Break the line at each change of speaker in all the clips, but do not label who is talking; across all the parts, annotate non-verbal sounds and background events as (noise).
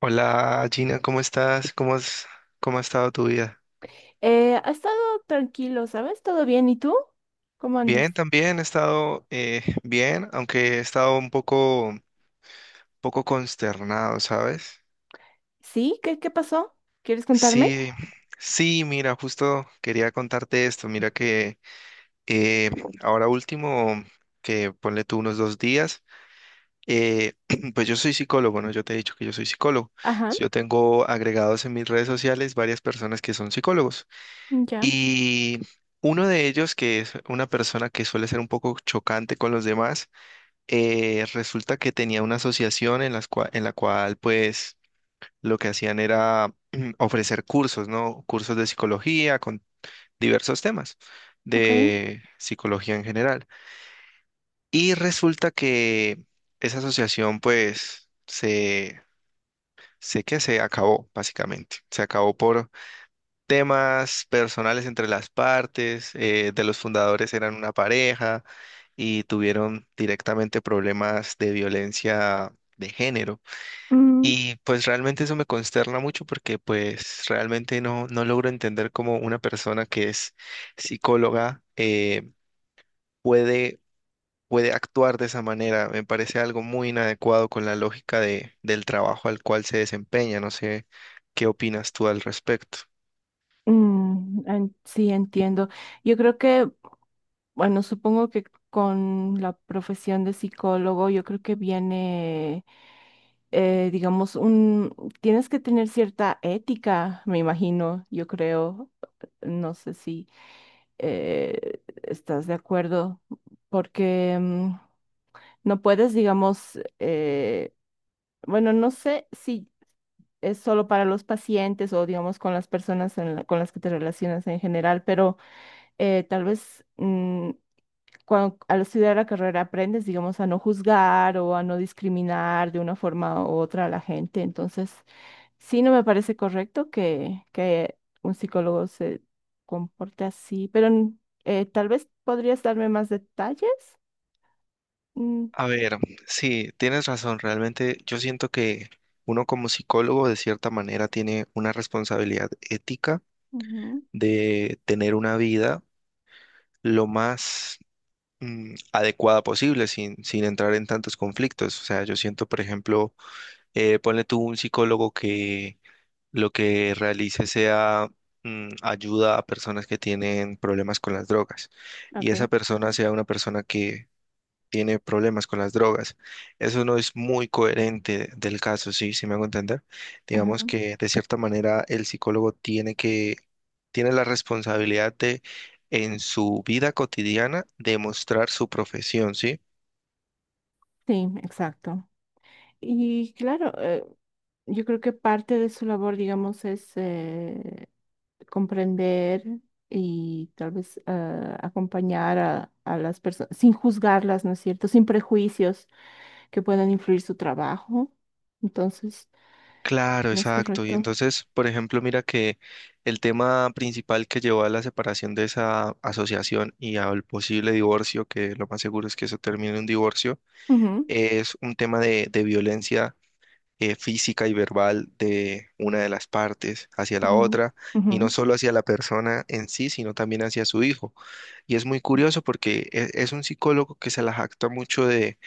Hola Gina, ¿cómo estás? ¿Cómo ha estado tu vida?
Ha estado tranquilo, ¿sabes? ¿Todo bien? ¿Y tú? ¿Cómo andas?
Bien, también he estado bien, aunque he estado poco consternado, ¿sabes?
¿Sí? ¿Qué pasó? ¿Quieres contarme?
Sí, sí, mira, justo quería contarte esto. Mira que eh, ahora último, que ponle tú unos dos días, eh, (clears throat) pues yo soy psicólogo, ¿no? Yo te he dicho que yo soy psicólogo.
Ajá,
Yo tengo agregados en mis redes sociales varias personas que son psicólogos.
ya,
Y uno de ellos, que es una persona que suele ser un poco chocante con los demás, resulta que tenía una asociación en en la cual, pues, lo que hacían era ofrecer cursos, ¿no? Cursos de psicología con diversos temas
ok.
de psicología en general. Y resulta que esa asociación, sé que se acabó, básicamente. Se acabó por temas personales entre las partes, de los fundadores eran una pareja y tuvieron directamente problemas de violencia de género.
Mm,
Y pues realmente eso me consterna mucho porque pues realmente no logro entender cómo una persona que es psicóloga puede, puede actuar de esa manera. Me parece algo muy inadecuado con la lógica del trabajo al cual se desempeña. No sé qué opinas tú al respecto.
sí, entiendo. Yo creo que, bueno, supongo que con la profesión de psicólogo, yo creo que viene, digamos, tienes que tener cierta ética, me imagino, yo creo. No sé si estás de acuerdo, porque no puedes, digamos, bueno, no sé si es solo para los pacientes o, digamos, con las personas con las que te relacionas en general, pero tal vez, cuando, al estudiar la carrera aprendes, digamos, a no juzgar o a no discriminar de una forma u otra a la gente. Entonces, sí, no me parece correcto que un psicólogo se comporte así, pero tal vez podrías darme más detalles. Mm,
A ver, sí, tienes razón. Realmente yo siento que uno como psicólogo de cierta manera tiene una responsabilidad ética
ujú,
de tener una vida lo más adecuada posible sin entrar en tantos conflictos. O sea, yo siento, por ejemplo, ponle tú un psicólogo que lo que realice sea ayuda a personas que tienen problemas con las drogas y
ok.
esa persona sea una persona que tiene problemas con las drogas. Eso no es muy coherente del caso, sí, sí me hago entender. Digamos que de cierta manera el psicólogo tiene la responsabilidad de en su vida cotidiana demostrar su profesión, ¿sí?
Sí, exacto. Y claro, yo creo que parte de su labor, digamos, es comprender y tal vez acompañar a las personas, sin juzgarlas, ¿no es cierto? Sin prejuicios que puedan influir su trabajo. Entonces,
Claro,
¿no es
exacto. Y
correcto?
entonces, por ejemplo, mira que el tema principal que llevó a la separación de esa asociación y al posible divorcio, que lo más seguro es que eso termine en un divorcio,
Ujú,
es un tema de violencia física y verbal de una de las partes hacia la
ujú,
otra,
ujú,
y no solo hacia la persona en sí, sino también hacia su hijo. Y es muy curioso porque un psicólogo que se la jacta mucho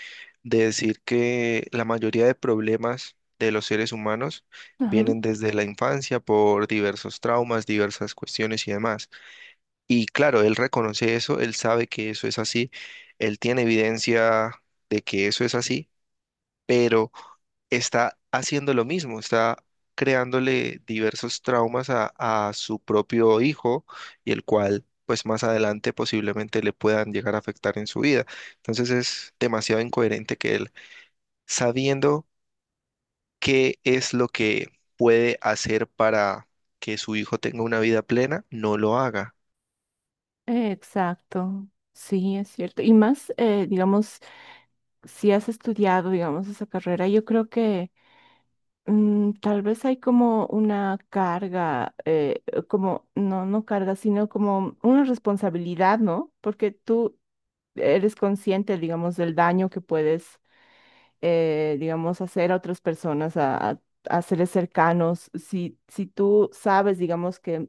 de decir que la mayoría de problemas de los seres humanos
ajá.
vienen desde la infancia por diversos traumas, diversas cuestiones y demás. Y claro, él reconoce eso, él sabe que eso es así, él tiene evidencia de que eso es así, pero está haciendo lo mismo, está creándole diversos traumas a su propio hijo y el cual pues más adelante posiblemente le puedan llegar a afectar en su vida. Entonces es demasiado incoherente que él, sabiendo qué es lo que puede hacer para que su hijo tenga una vida plena, no lo haga.
Exacto. Sí, es cierto. Y más, digamos, si has estudiado, digamos, esa carrera, yo creo que, tal vez hay como una carga, como, no, no carga, sino como una responsabilidad, ¿no? Porque tú eres consciente, digamos, del daño que puedes, digamos, hacer a otras personas, a seres cercanos. Si tú sabes, digamos, que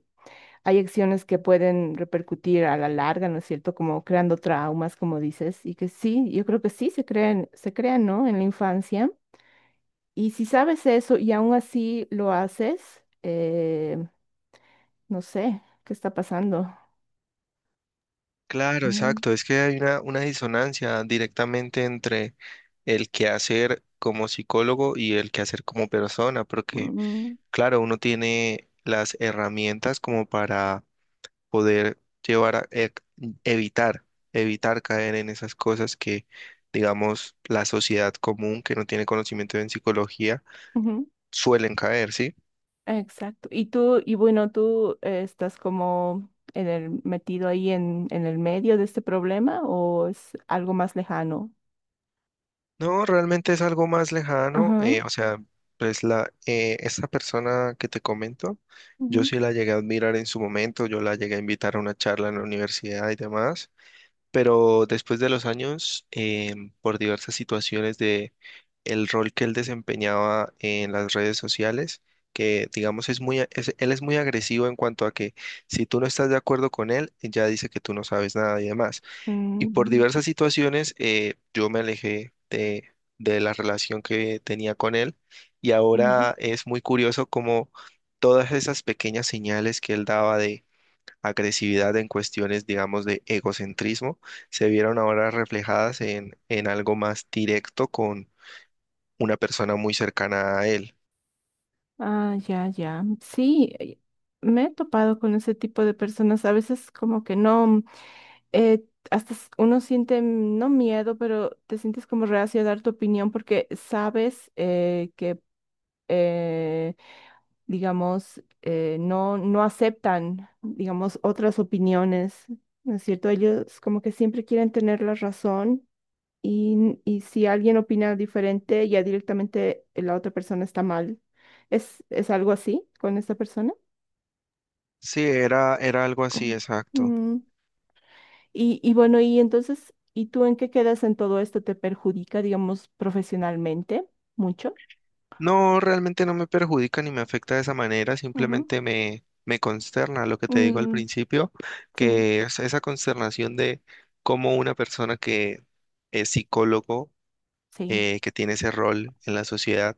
hay acciones que pueden repercutir a la larga, ¿no es cierto? Como creando traumas, como dices, y que sí, yo creo que sí se crean, ¿no? En la infancia. Y si sabes eso y aún así lo haces, no sé qué está pasando.
Claro,
Ujú,
exacto. Es que hay una disonancia directamente entre el quehacer como psicólogo y el quehacer como persona, porque
ujú,
claro, uno tiene las herramientas como para poder llevar a e- evitar, evitar caer en esas cosas que, digamos, la sociedad común que no tiene conocimiento en psicología
ujú,
suelen caer, ¿sí?
exacto. ¿Y tú, y bueno, tú estás como metido ahí en el medio de este problema, o es algo más lejano?
No, realmente es algo más lejano,
Ajá.
o sea, pues esa persona que te comento, yo
Ujú,
sí la llegué a admirar en su momento, yo la llegué a invitar a una charla en la universidad y demás, pero después de los años, por diversas situaciones de el rol que él desempeñaba en las redes sociales, que digamos es muy, él es muy agresivo en cuanto a que si tú no estás de acuerdo con él, ya dice que tú no sabes nada y demás. Y por
mm,
diversas situaciones, yo me alejé de la relación que tenía con él y
ujú.
ahora es muy curioso como todas esas pequeñas señales que él daba, agresividad, en cuestiones, digamos, de egocentrismo, se vieron ahora reflejadas en algo más directo con una persona muy cercana a él.
Ah, ya, ya. Sí, me he topado con ese tipo de personas. A veces como que no. eh, uno siente, no miedo, pero te sientes como reacio a dar tu opinión porque sabes que, eh, digamos, no aceptan, digamos, otras opiniones, ¿no es cierto? Ellos como que siempre quieren tener la razón, y si alguien opina diferente, ya directamente la otra persona está mal. ¿Es algo así con esta persona?
Sí, era algo así, exacto.
Mm. Y bueno, y entonces, ¿y tú en qué quedas en todo esto? ¿Te perjudica, digamos, profesionalmente mucho?
No, realmente no me perjudica ni me afecta de esa manera,
Ujú.
simplemente me consterna lo que te digo al
Mm,
principio,
sí,
que es esa consternación de cómo una persona que es psicólogo,
sí,
que tiene ese rol en la sociedad,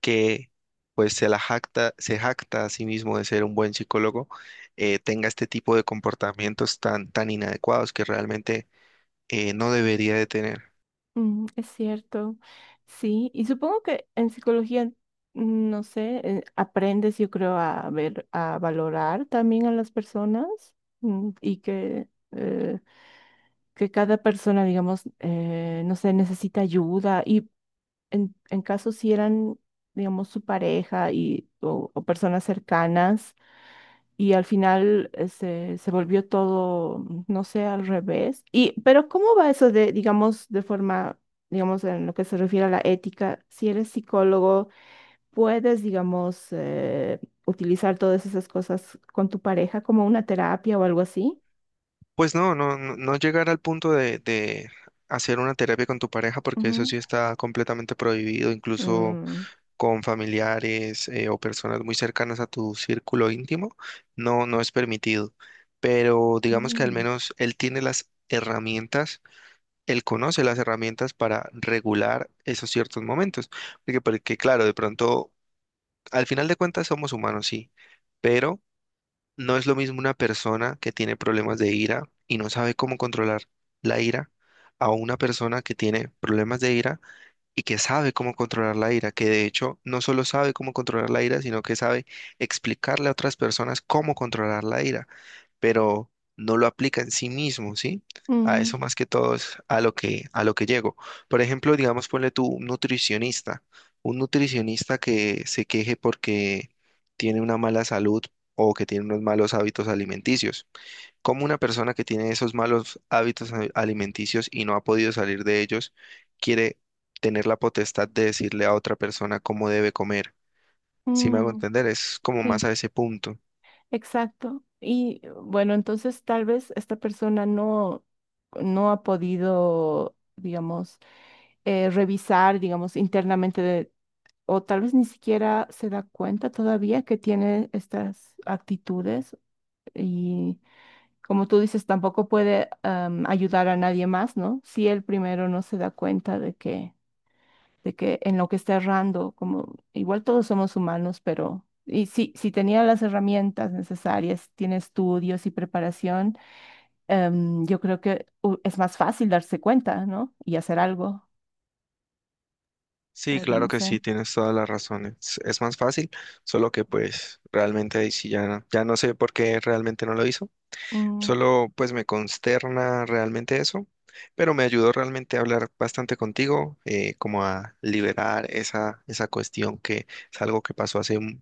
que pues se jacta a sí mismo de ser un buen psicólogo, tenga este tipo de comportamientos tan inadecuados que realmente no debería de tener.
es cierto. Sí, y supongo que en psicología, no sé, aprendes, yo creo, a ver, a valorar también a las personas, y que cada persona, digamos, no sé, necesita ayuda. Y en caso si eran, digamos, su pareja o personas cercanas, y al final se volvió todo, no sé, al revés. Y pero, ¿cómo va eso de, digamos, de forma, digamos, en lo que se refiere a la ética? Si eres psicólogo, ¿puedes, digamos, utilizar todas esas cosas con tu pareja como una terapia o algo así?
Pues no, no, no llegar al punto de hacer una terapia con tu pareja, porque eso
Ujú.
sí está completamente prohibido, incluso
Mm,
con familiares o personas muy cercanas a tu círculo íntimo, no es permitido. Pero digamos que al
mm,
menos él tiene las herramientas, él conoce las herramientas para regular esos ciertos momentos. Porque claro, de pronto, al final de cuentas somos humanos, sí, pero no es lo mismo una persona que tiene problemas de ira y no sabe cómo controlar la ira a una persona que tiene problemas de ira y que sabe cómo controlar la ira, que de hecho no solo sabe cómo controlar la ira, sino que sabe explicarle a otras personas cómo controlar la ira, pero no lo aplica en sí mismo, ¿sí? A
mm,
eso más que todo es a lo a lo que llego. Por ejemplo, digamos, ponle tú un nutricionista que se queje porque tiene una mala salud o que tiene unos malos hábitos alimenticios. ¿Cómo una persona que tiene esos malos alimenticios y no ha podido salir de ellos quiere tener la potestad de decirle a otra persona cómo debe comer? Si me hago
mm,
entender, es como más
sí.
a ese punto.
Exacto. Y bueno, entonces tal vez esta persona no ha podido, digamos, revisar, digamos, internamente, o tal vez ni siquiera se da cuenta todavía que tiene estas actitudes y, como tú dices, tampoco puede ayudar a nadie más, ¿no? Si él primero no se da cuenta de que en lo que está errando. Como igual todos somos humanos, pero, y si tenía las herramientas necesarias, tiene estudios y preparación, yo creo que es más fácil darse cuenta, ¿no? Y hacer algo,
Sí,
pero
claro
no
que
sé.
sí, tienes todas las razones. Es más fácil, solo que pues realmente ahí sí ya, ya no sé por qué realmente no lo hizo.
Mm,
Solo pues me consterna realmente eso, pero me ayudó realmente a hablar bastante contigo, como a liberar esa cuestión que es algo que pasó hace un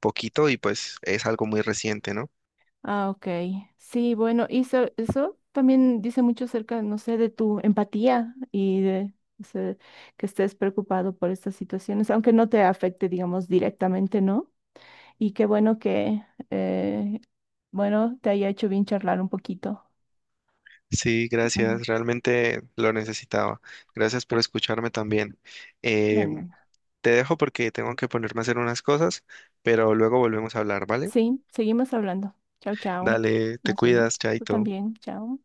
poquito y pues es algo muy reciente, ¿no?
ah, ok. Sí, bueno, y eso también dice mucho acerca, no sé, de tu empatía y de, o sea, que estés preocupado por estas situaciones, aunque no te afecte, digamos, directamente, ¿no? Y qué bueno que, eh, bueno, te haya hecho bien charlar un poquito.
Sí,
Ujú.
gracias, realmente lo necesitaba. Gracias por escucharme también.
De
eh,
nada.
Te dejo porque tengo que ponerme a hacer unas cosas, pero luego volvemos a hablar, ¿vale?
Sí, seguimos hablando. Chao, chao.
Dale, te
Nos
cuidas,
vemos. Tú
chaito.
también. Chao.